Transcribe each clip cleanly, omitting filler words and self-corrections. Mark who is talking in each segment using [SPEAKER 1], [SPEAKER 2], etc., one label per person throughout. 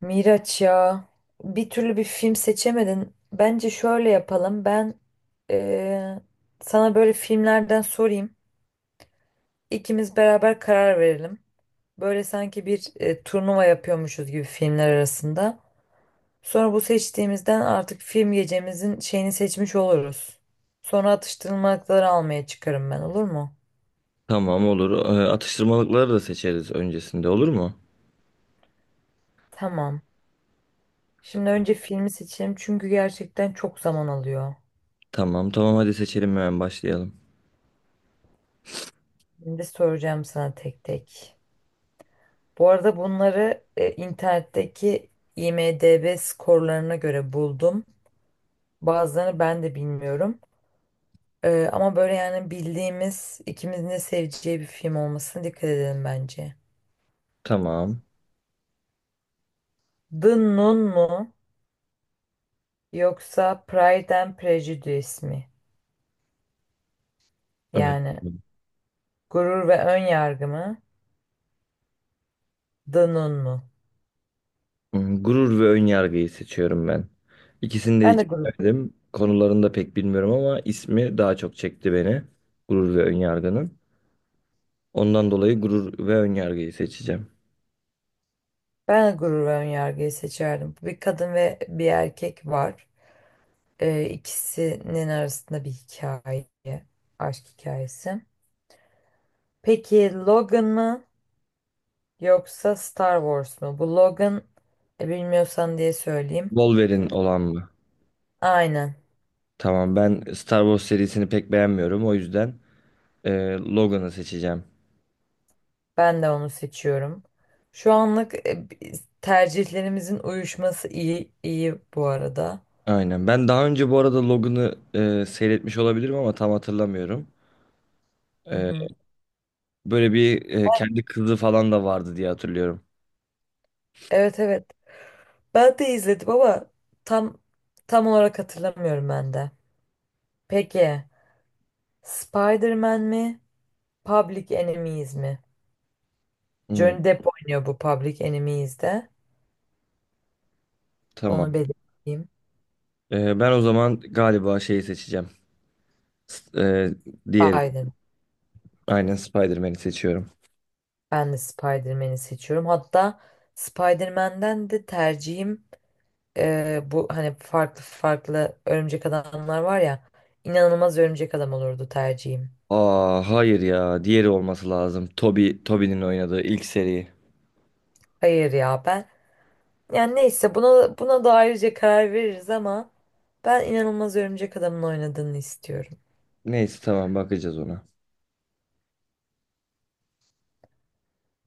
[SPEAKER 1] Miraç ya, bir türlü bir film seçemedin. Bence şöyle yapalım. Ben eee, sana böyle filmlerden sorayım. İkimiz beraber karar verelim. Böyle sanki bir turnuva yapıyormuşuz gibi filmler arasında. Sonra bu seçtiğimizden artık film gecemizin şeyini seçmiş oluruz. Sonra atıştırmalıkları almaya çıkarım ben, olur mu?
[SPEAKER 2] Tamam, olur. Atıştırmalıkları da seçeriz öncesinde, olur mu?
[SPEAKER 1] Tamam. Şimdi önce filmi seçelim çünkü gerçekten çok zaman alıyor.
[SPEAKER 2] Tamam, hadi seçelim, hemen başlayalım.
[SPEAKER 1] Şimdi soracağım sana tek tek. Bu arada bunları internetteki IMDb skorlarına göre buldum. Bazılarını ben de bilmiyorum. Ama böyle yani bildiğimiz ikimizin de seveceği bir film olmasına dikkat edelim bence.
[SPEAKER 2] Tamam.
[SPEAKER 1] The Nun mu yoksa Pride and Prejudice mi?
[SPEAKER 2] Evet.
[SPEAKER 1] Yani Gurur ve Ön Yargı mı? The Nun mu?
[SPEAKER 2] Gurur ve Önyargı'yı seçiyorum ben. İkisini de
[SPEAKER 1] Ben de
[SPEAKER 2] hiç
[SPEAKER 1] gurur,
[SPEAKER 2] bilmedim. Konularını da pek bilmiyorum ama ismi daha çok çekti beni. Gurur ve Önyargı'nın. Ondan dolayı Gurur ve Önyargı'yı seçeceğim.
[SPEAKER 1] ben de gurur ve ön yargıyı seçerdim. Bir kadın ve bir erkek var. İkisinin arasında bir hikaye, aşk hikayesi. Peki Logan mı yoksa Star Wars mu? Bu Logan bilmiyorsan diye söyleyeyim.
[SPEAKER 2] Wolverine olan mı?
[SPEAKER 1] Aynen.
[SPEAKER 2] Tamam, ben Star Wars serisini pek beğenmiyorum. O yüzden e, Logan'ı seçeceğim.
[SPEAKER 1] Ben de onu seçiyorum. Şu anlık tercihlerimizin uyuşması iyi iyi bu arada.
[SPEAKER 2] Aynen. Ben daha önce bu arada Logan'ı seyretmiş olabilirim ama tam hatırlamıyorum.
[SPEAKER 1] Hı
[SPEAKER 2] E,
[SPEAKER 1] hı.
[SPEAKER 2] Böyle bir kendi kızı falan da vardı diye hatırlıyorum.
[SPEAKER 1] Evet evet. Ben de izledim ama tam tam olarak hatırlamıyorum ben de. Peki Spider-Man mi? Public Enemies mi?
[SPEAKER 2] Hmm,
[SPEAKER 1] Johnny Depp oynuyor bu Public Enemies'de. Onu
[SPEAKER 2] tamam.
[SPEAKER 1] belirteyim.
[SPEAKER 2] Ben o zaman galiba şeyi seçeceğim. S- E, Diğeri.
[SPEAKER 1] Spider.
[SPEAKER 2] Aynen, Spider-Man'i seçiyorum.
[SPEAKER 1] Ben de Spider-Man'i seçiyorum. Hatta Spider-Man'den de tercihim, bu hani farklı farklı örümcek adamlar var ya, inanılmaz örümcek adam olurdu tercihim.
[SPEAKER 2] Aa hayır ya. Diğeri olması lazım. Toby'nin oynadığı ilk seri.
[SPEAKER 1] Hayır ya, ben yani neyse, buna da ayrıca karar veririz ama ben inanılmaz örümcek adamın oynadığını istiyorum.
[SPEAKER 2] Neyse tamam, bakacağız ona.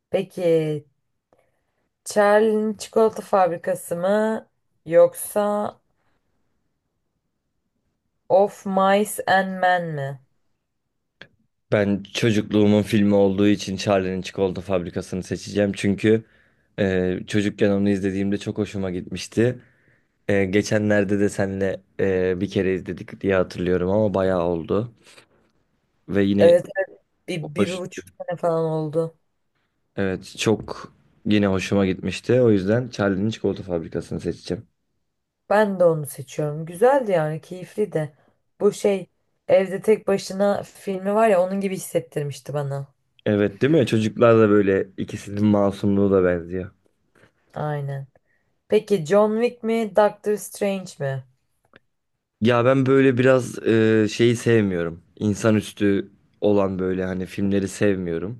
[SPEAKER 1] Peki Charlie'nin çikolata fabrikası mı yoksa Of Mice and Men mi?
[SPEAKER 2] Ben çocukluğumun filmi olduğu için Charlie'nin Çikolata Fabrikası'nı seçeceğim. Çünkü çocukken onu izlediğimde çok hoşuma gitmişti. Geçenlerde de senle bir kere izledik diye hatırlıyorum ama bayağı oldu. Ve yine
[SPEAKER 1] Evet, evet. Bir, bir, bir
[SPEAKER 2] hoş.
[SPEAKER 1] buçuk sene falan oldu.
[SPEAKER 2] Evet, çok yine hoşuma gitmişti. O yüzden Charlie'nin Çikolata Fabrikası'nı seçeceğim.
[SPEAKER 1] Ben de onu seçiyorum. Güzeldi yani, keyifli de. Bu şey, evde tek başına filmi var ya, onun gibi hissettirmişti bana.
[SPEAKER 2] Evet değil mi? Çocuklar da böyle, ikisinin masumluğu da benziyor.
[SPEAKER 1] Aynen. Peki John Wick mi Doctor Strange mi?
[SPEAKER 2] Ya ben böyle biraz şeyi sevmiyorum. İnsanüstü olan böyle hani filmleri sevmiyorum.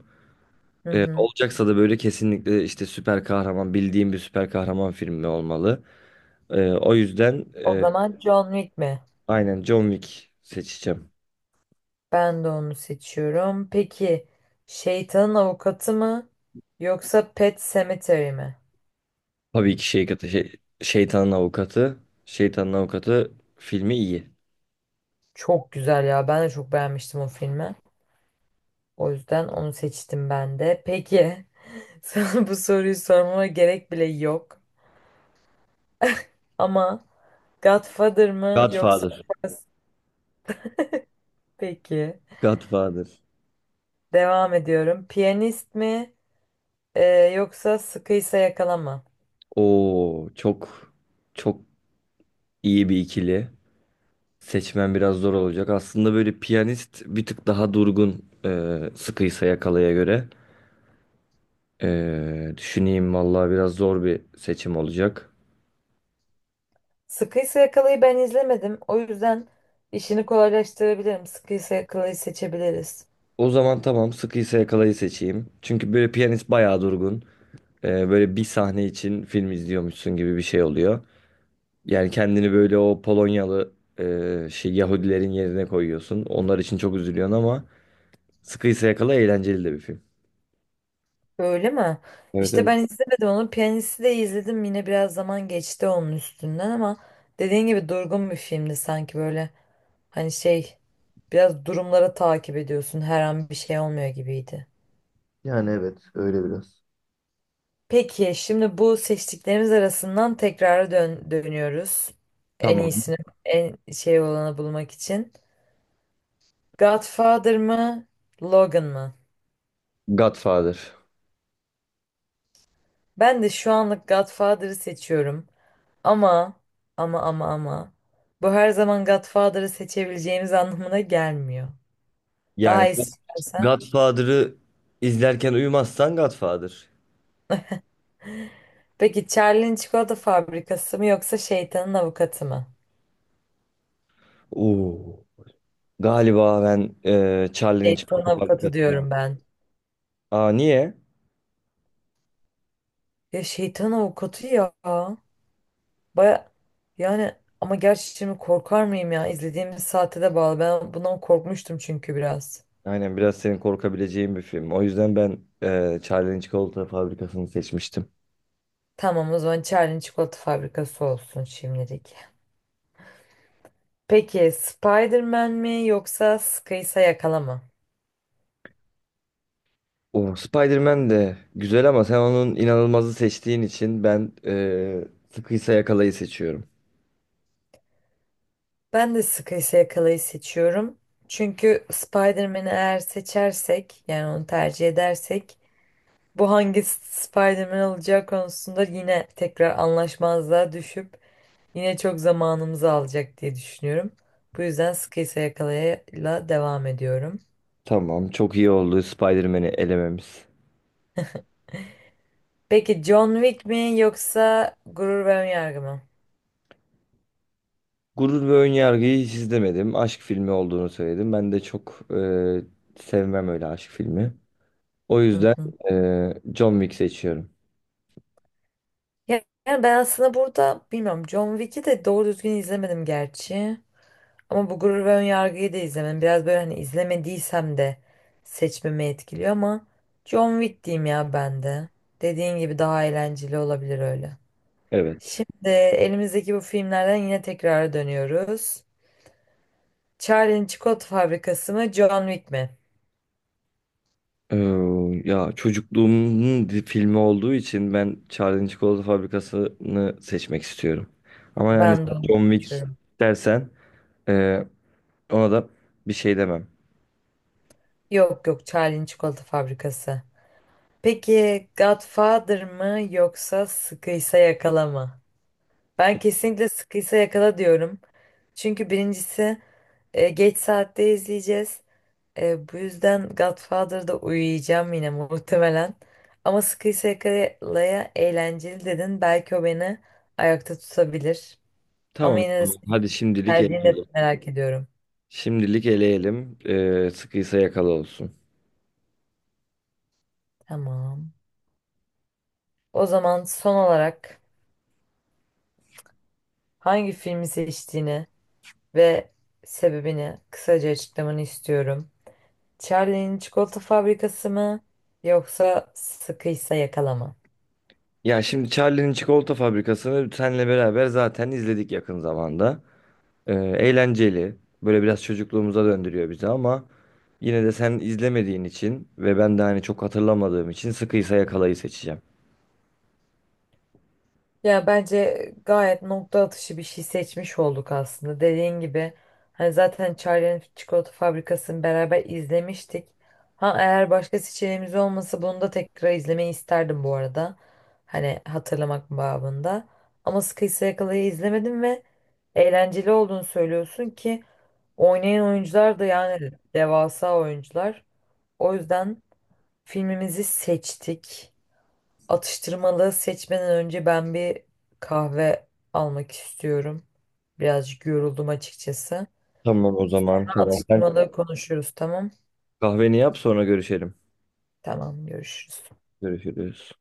[SPEAKER 1] Hı hı.
[SPEAKER 2] Olacaksa da böyle kesinlikle işte süper kahraman, bildiğim bir süper kahraman filmi olmalı. O yüzden
[SPEAKER 1] O zaman John Wick mi?
[SPEAKER 2] aynen John Wick seçeceğim.
[SPEAKER 1] Ben de onu seçiyorum. Peki Şeytanın Avukatı mı yoksa Pet Sematary mi?
[SPEAKER 2] Tabii ki Şeytanın Avukatı. Şeytanın Avukatı filmi iyi.
[SPEAKER 1] Çok güzel ya. Ben de çok beğenmiştim o filmi. O yüzden onu seçtim ben de. Peki, sana bu soruyu sormama gerek bile yok. Ama Godfather mı yoksa
[SPEAKER 2] Godfather.
[SPEAKER 1] Fast? Peki.
[SPEAKER 2] Godfather.
[SPEAKER 1] Devam ediyorum. Piyanist mi e, yoksa Sıkıysa Yakala mı?
[SPEAKER 2] Oo, çok iyi bir ikili. Seçmen biraz zor olacak. Aslında böyle Piyanist bir tık daha durgun Sıkıysa Yakala'ya göre. Düşüneyim vallahi, biraz zor bir seçim olacak.
[SPEAKER 1] Sıkıysa Yakala'yı ben izlemedim. O yüzden işini kolaylaştırabilirim. Sıkıysa Yakala'yı seçebiliriz.
[SPEAKER 2] O zaman tamam, Sıkıysa Yakala'yı seçeyim. Çünkü böyle Piyanist bayağı durgun. Böyle bir sahne için film izliyormuşsun gibi bir şey oluyor. Yani kendini böyle o Polonyalı Yahudilerin yerine koyuyorsun. Onlar için çok üzülüyorsun ama Sıkıysa Yakala eğlenceli de bir film.
[SPEAKER 1] Öyle mi?
[SPEAKER 2] Evet,
[SPEAKER 1] İşte
[SPEAKER 2] evet.
[SPEAKER 1] ben izlemedim onu. Piyanisti de izledim. Yine biraz zaman geçti onun üstünden ama dediğin gibi durgun bir filmdi sanki böyle. Hani şey, biraz durumları takip ediyorsun, her an bir şey olmuyor gibiydi.
[SPEAKER 2] Yani evet, öyle biraz.
[SPEAKER 1] Peki şimdi bu seçtiklerimiz arasından tekrar dönüyoruz. En
[SPEAKER 2] Tamam.
[SPEAKER 1] iyisini, en şey olanı bulmak için. Godfather mı, Logan mı?
[SPEAKER 2] Godfather.
[SPEAKER 1] Ben de şu anlık Godfather'ı seçiyorum. Ama ama bu her zaman Godfather'ı seçebileceğimiz anlamına gelmiyor.
[SPEAKER 2] Yani
[SPEAKER 1] Daha
[SPEAKER 2] bu
[SPEAKER 1] istersen.
[SPEAKER 2] Godfather'ı izlerken uyumazsan Godfather.
[SPEAKER 1] Peki Charlie'nin çikolata fabrikası mı yoksa şeytanın avukatı mı?
[SPEAKER 2] Oo. Galiba ben Charlie'nin
[SPEAKER 1] Şeytan
[SPEAKER 2] Çikolata
[SPEAKER 1] avukatı
[SPEAKER 2] Fabrikası'na.
[SPEAKER 1] diyorum ben.
[SPEAKER 2] Aa niye?
[SPEAKER 1] Ya şeytan avukatı ya. Baya, yani, ama gerçi şimdi korkar mıyım ya? İzlediğimiz saate de bağlı. Ben bundan korkmuştum çünkü biraz.
[SPEAKER 2] Aynen, biraz senin korkabileceğin bir film. O yüzden ben Charlie'nin Çikolata Fabrikası'nı seçmiştim.
[SPEAKER 1] Tamam, o zaman Charlie'nin çikolata fabrikası olsun şimdilik. Peki Spider-Man mi yoksa Sıkıysa Yakala mı?
[SPEAKER 2] O Spider-Man de güzel ama sen onun inanılmazı seçtiğin için ben Sıkıysa Yakala'yı seçiyorum.
[SPEAKER 1] Ben de Sıkıysa Yakala'yı seçiyorum. Çünkü Spider-Man'i eğer seçersek, yani onu tercih edersek, bu hangi Spider-Man olacağı konusunda yine tekrar anlaşmazlığa düşüp yine çok zamanımızı alacak diye düşünüyorum. Bu yüzden Sıkıysa Yakala'yla devam ediyorum.
[SPEAKER 2] Tamam, çok iyi oldu Spider-Man'i elememiz.
[SPEAKER 1] Peki John Wick mi yoksa Gurur ve Önyargı mı?
[SPEAKER 2] Gurur ve Önyargı'yı hiç izlemedim. Aşk filmi olduğunu söyledim. Ben de çok sevmem öyle aşk filmi. O
[SPEAKER 1] Hı
[SPEAKER 2] yüzden
[SPEAKER 1] hı.
[SPEAKER 2] John Wick seçiyorum.
[SPEAKER 1] Yani ben aslında burada bilmiyorum, John Wick'i de doğru düzgün izlemedim gerçi. Ama bu Gurur ve Önyargı'yı da izlemedim. Biraz böyle hani izlemediysem de seçmemi etkiliyor ama John Wick diyeyim ya ben de. Dediğin gibi daha eğlenceli olabilir öyle.
[SPEAKER 2] Evet.
[SPEAKER 1] Şimdi elimizdeki bu filmlerden yine tekrara dönüyoruz. Charlie'nin çikolata fabrikası mı, John Wick mi?
[SPEAKER 2] Ee, Ya çocukluğumun filmi olduğu için ben Charlie'nin Çikolata Fabrikası'nı seçmek istiyorum. Ama yani
[SPEAKER 1] Ben de
[SPEAKER 2] sen
[SPEAKER 1] onu
[SPEAKER 2] John Wick
[SPEAKER 1] seçiyorum.
[SPEAKER 2] dersen, e, ona da bir şey demem.
[SPEAKER 1] Yok yok, Charlie'nin çikolata fabrikası. Peki Godfather mı yoksa Sıkıysa Yakala mı? Ben kesinlikle Sıkıysa Yakala diyorum. Çünkü birincisi, geç saatte izleyeceğiz. Bu yüzden Godfather'da uyuyacağım yine muhtemelen. Ama Sıkıysa Yakala'ya eğlenceli dedin. Belki o beni ayakta tutabilir. Ama
[SPEAKER 2] Tamam.
[SPEAKER 1] yine de
[SPEAKER 2] tamam.
[SPEAKER 1] senin
[SPEAKER 2] Hadi şimdilik
[SPEAKER 1] tercihini de
[SPEAKER 2] eleyelim.
[SPEAKER 1] merak ediyorum.
[SPEAKER 2] Şimdilik eleyelim. Sıkıysa yakalı olsun.
[SPEAKER 1] Tamam. O zaman son olarak hangi filmi seçtiğini ve sebebini kısaca açıklamanı istiyorum. Charlie'nin Çikolata Fabrikası mı yoksa Sıkıysa Yakala mı?
[SPEAKER 2] Ya şimdi Charlie'nin Çikolata Fabrikası'nı senle beraber zaten izledik yakın zamanda. Eğlenceli. Böyle biraz çocukluğumuza döndürüyor bizi ama yine de sen izlemediğin için ve ben de hani çok hatırlamadığım için Sıkıysa Yakala'yı seçeceğim.
[SPEAKER 1] Ya bence gayet nokta atışı bir şey seçmiş olduk aslında. Dediğin gibi hani zaten Charlie'nin çikolata fabrikasını beraber izlemiştik. Ha, eğer başka seçeneğimiz olmasa bunu da tekrar izlemeyi isterdim bu arada. Hani hatırlamak babında. Ama Sıkıysa Yakala'yı izlemedim ve eğlenceli olduğunu söylüyorsun ki oynayan oyuncular da yani devasa oyuncular. O yüzden filmimizi seçtik. Atıştırmalığı seçmeden önce ben bir kahve almak istiyorum. Birazcık yoruldum açıkçası.
[SPEAKER 2] Tamam, o zaman tamam. Sen
[SPEAKER 1] Atıştırmalığı konuşuruz, tamam.
[SPEAKER 2] kahveni yap, sonra görüşelim.
[SPEAKER 1] Tamam, görüşürüz.
[SPEAKER 2] Görüşürüz.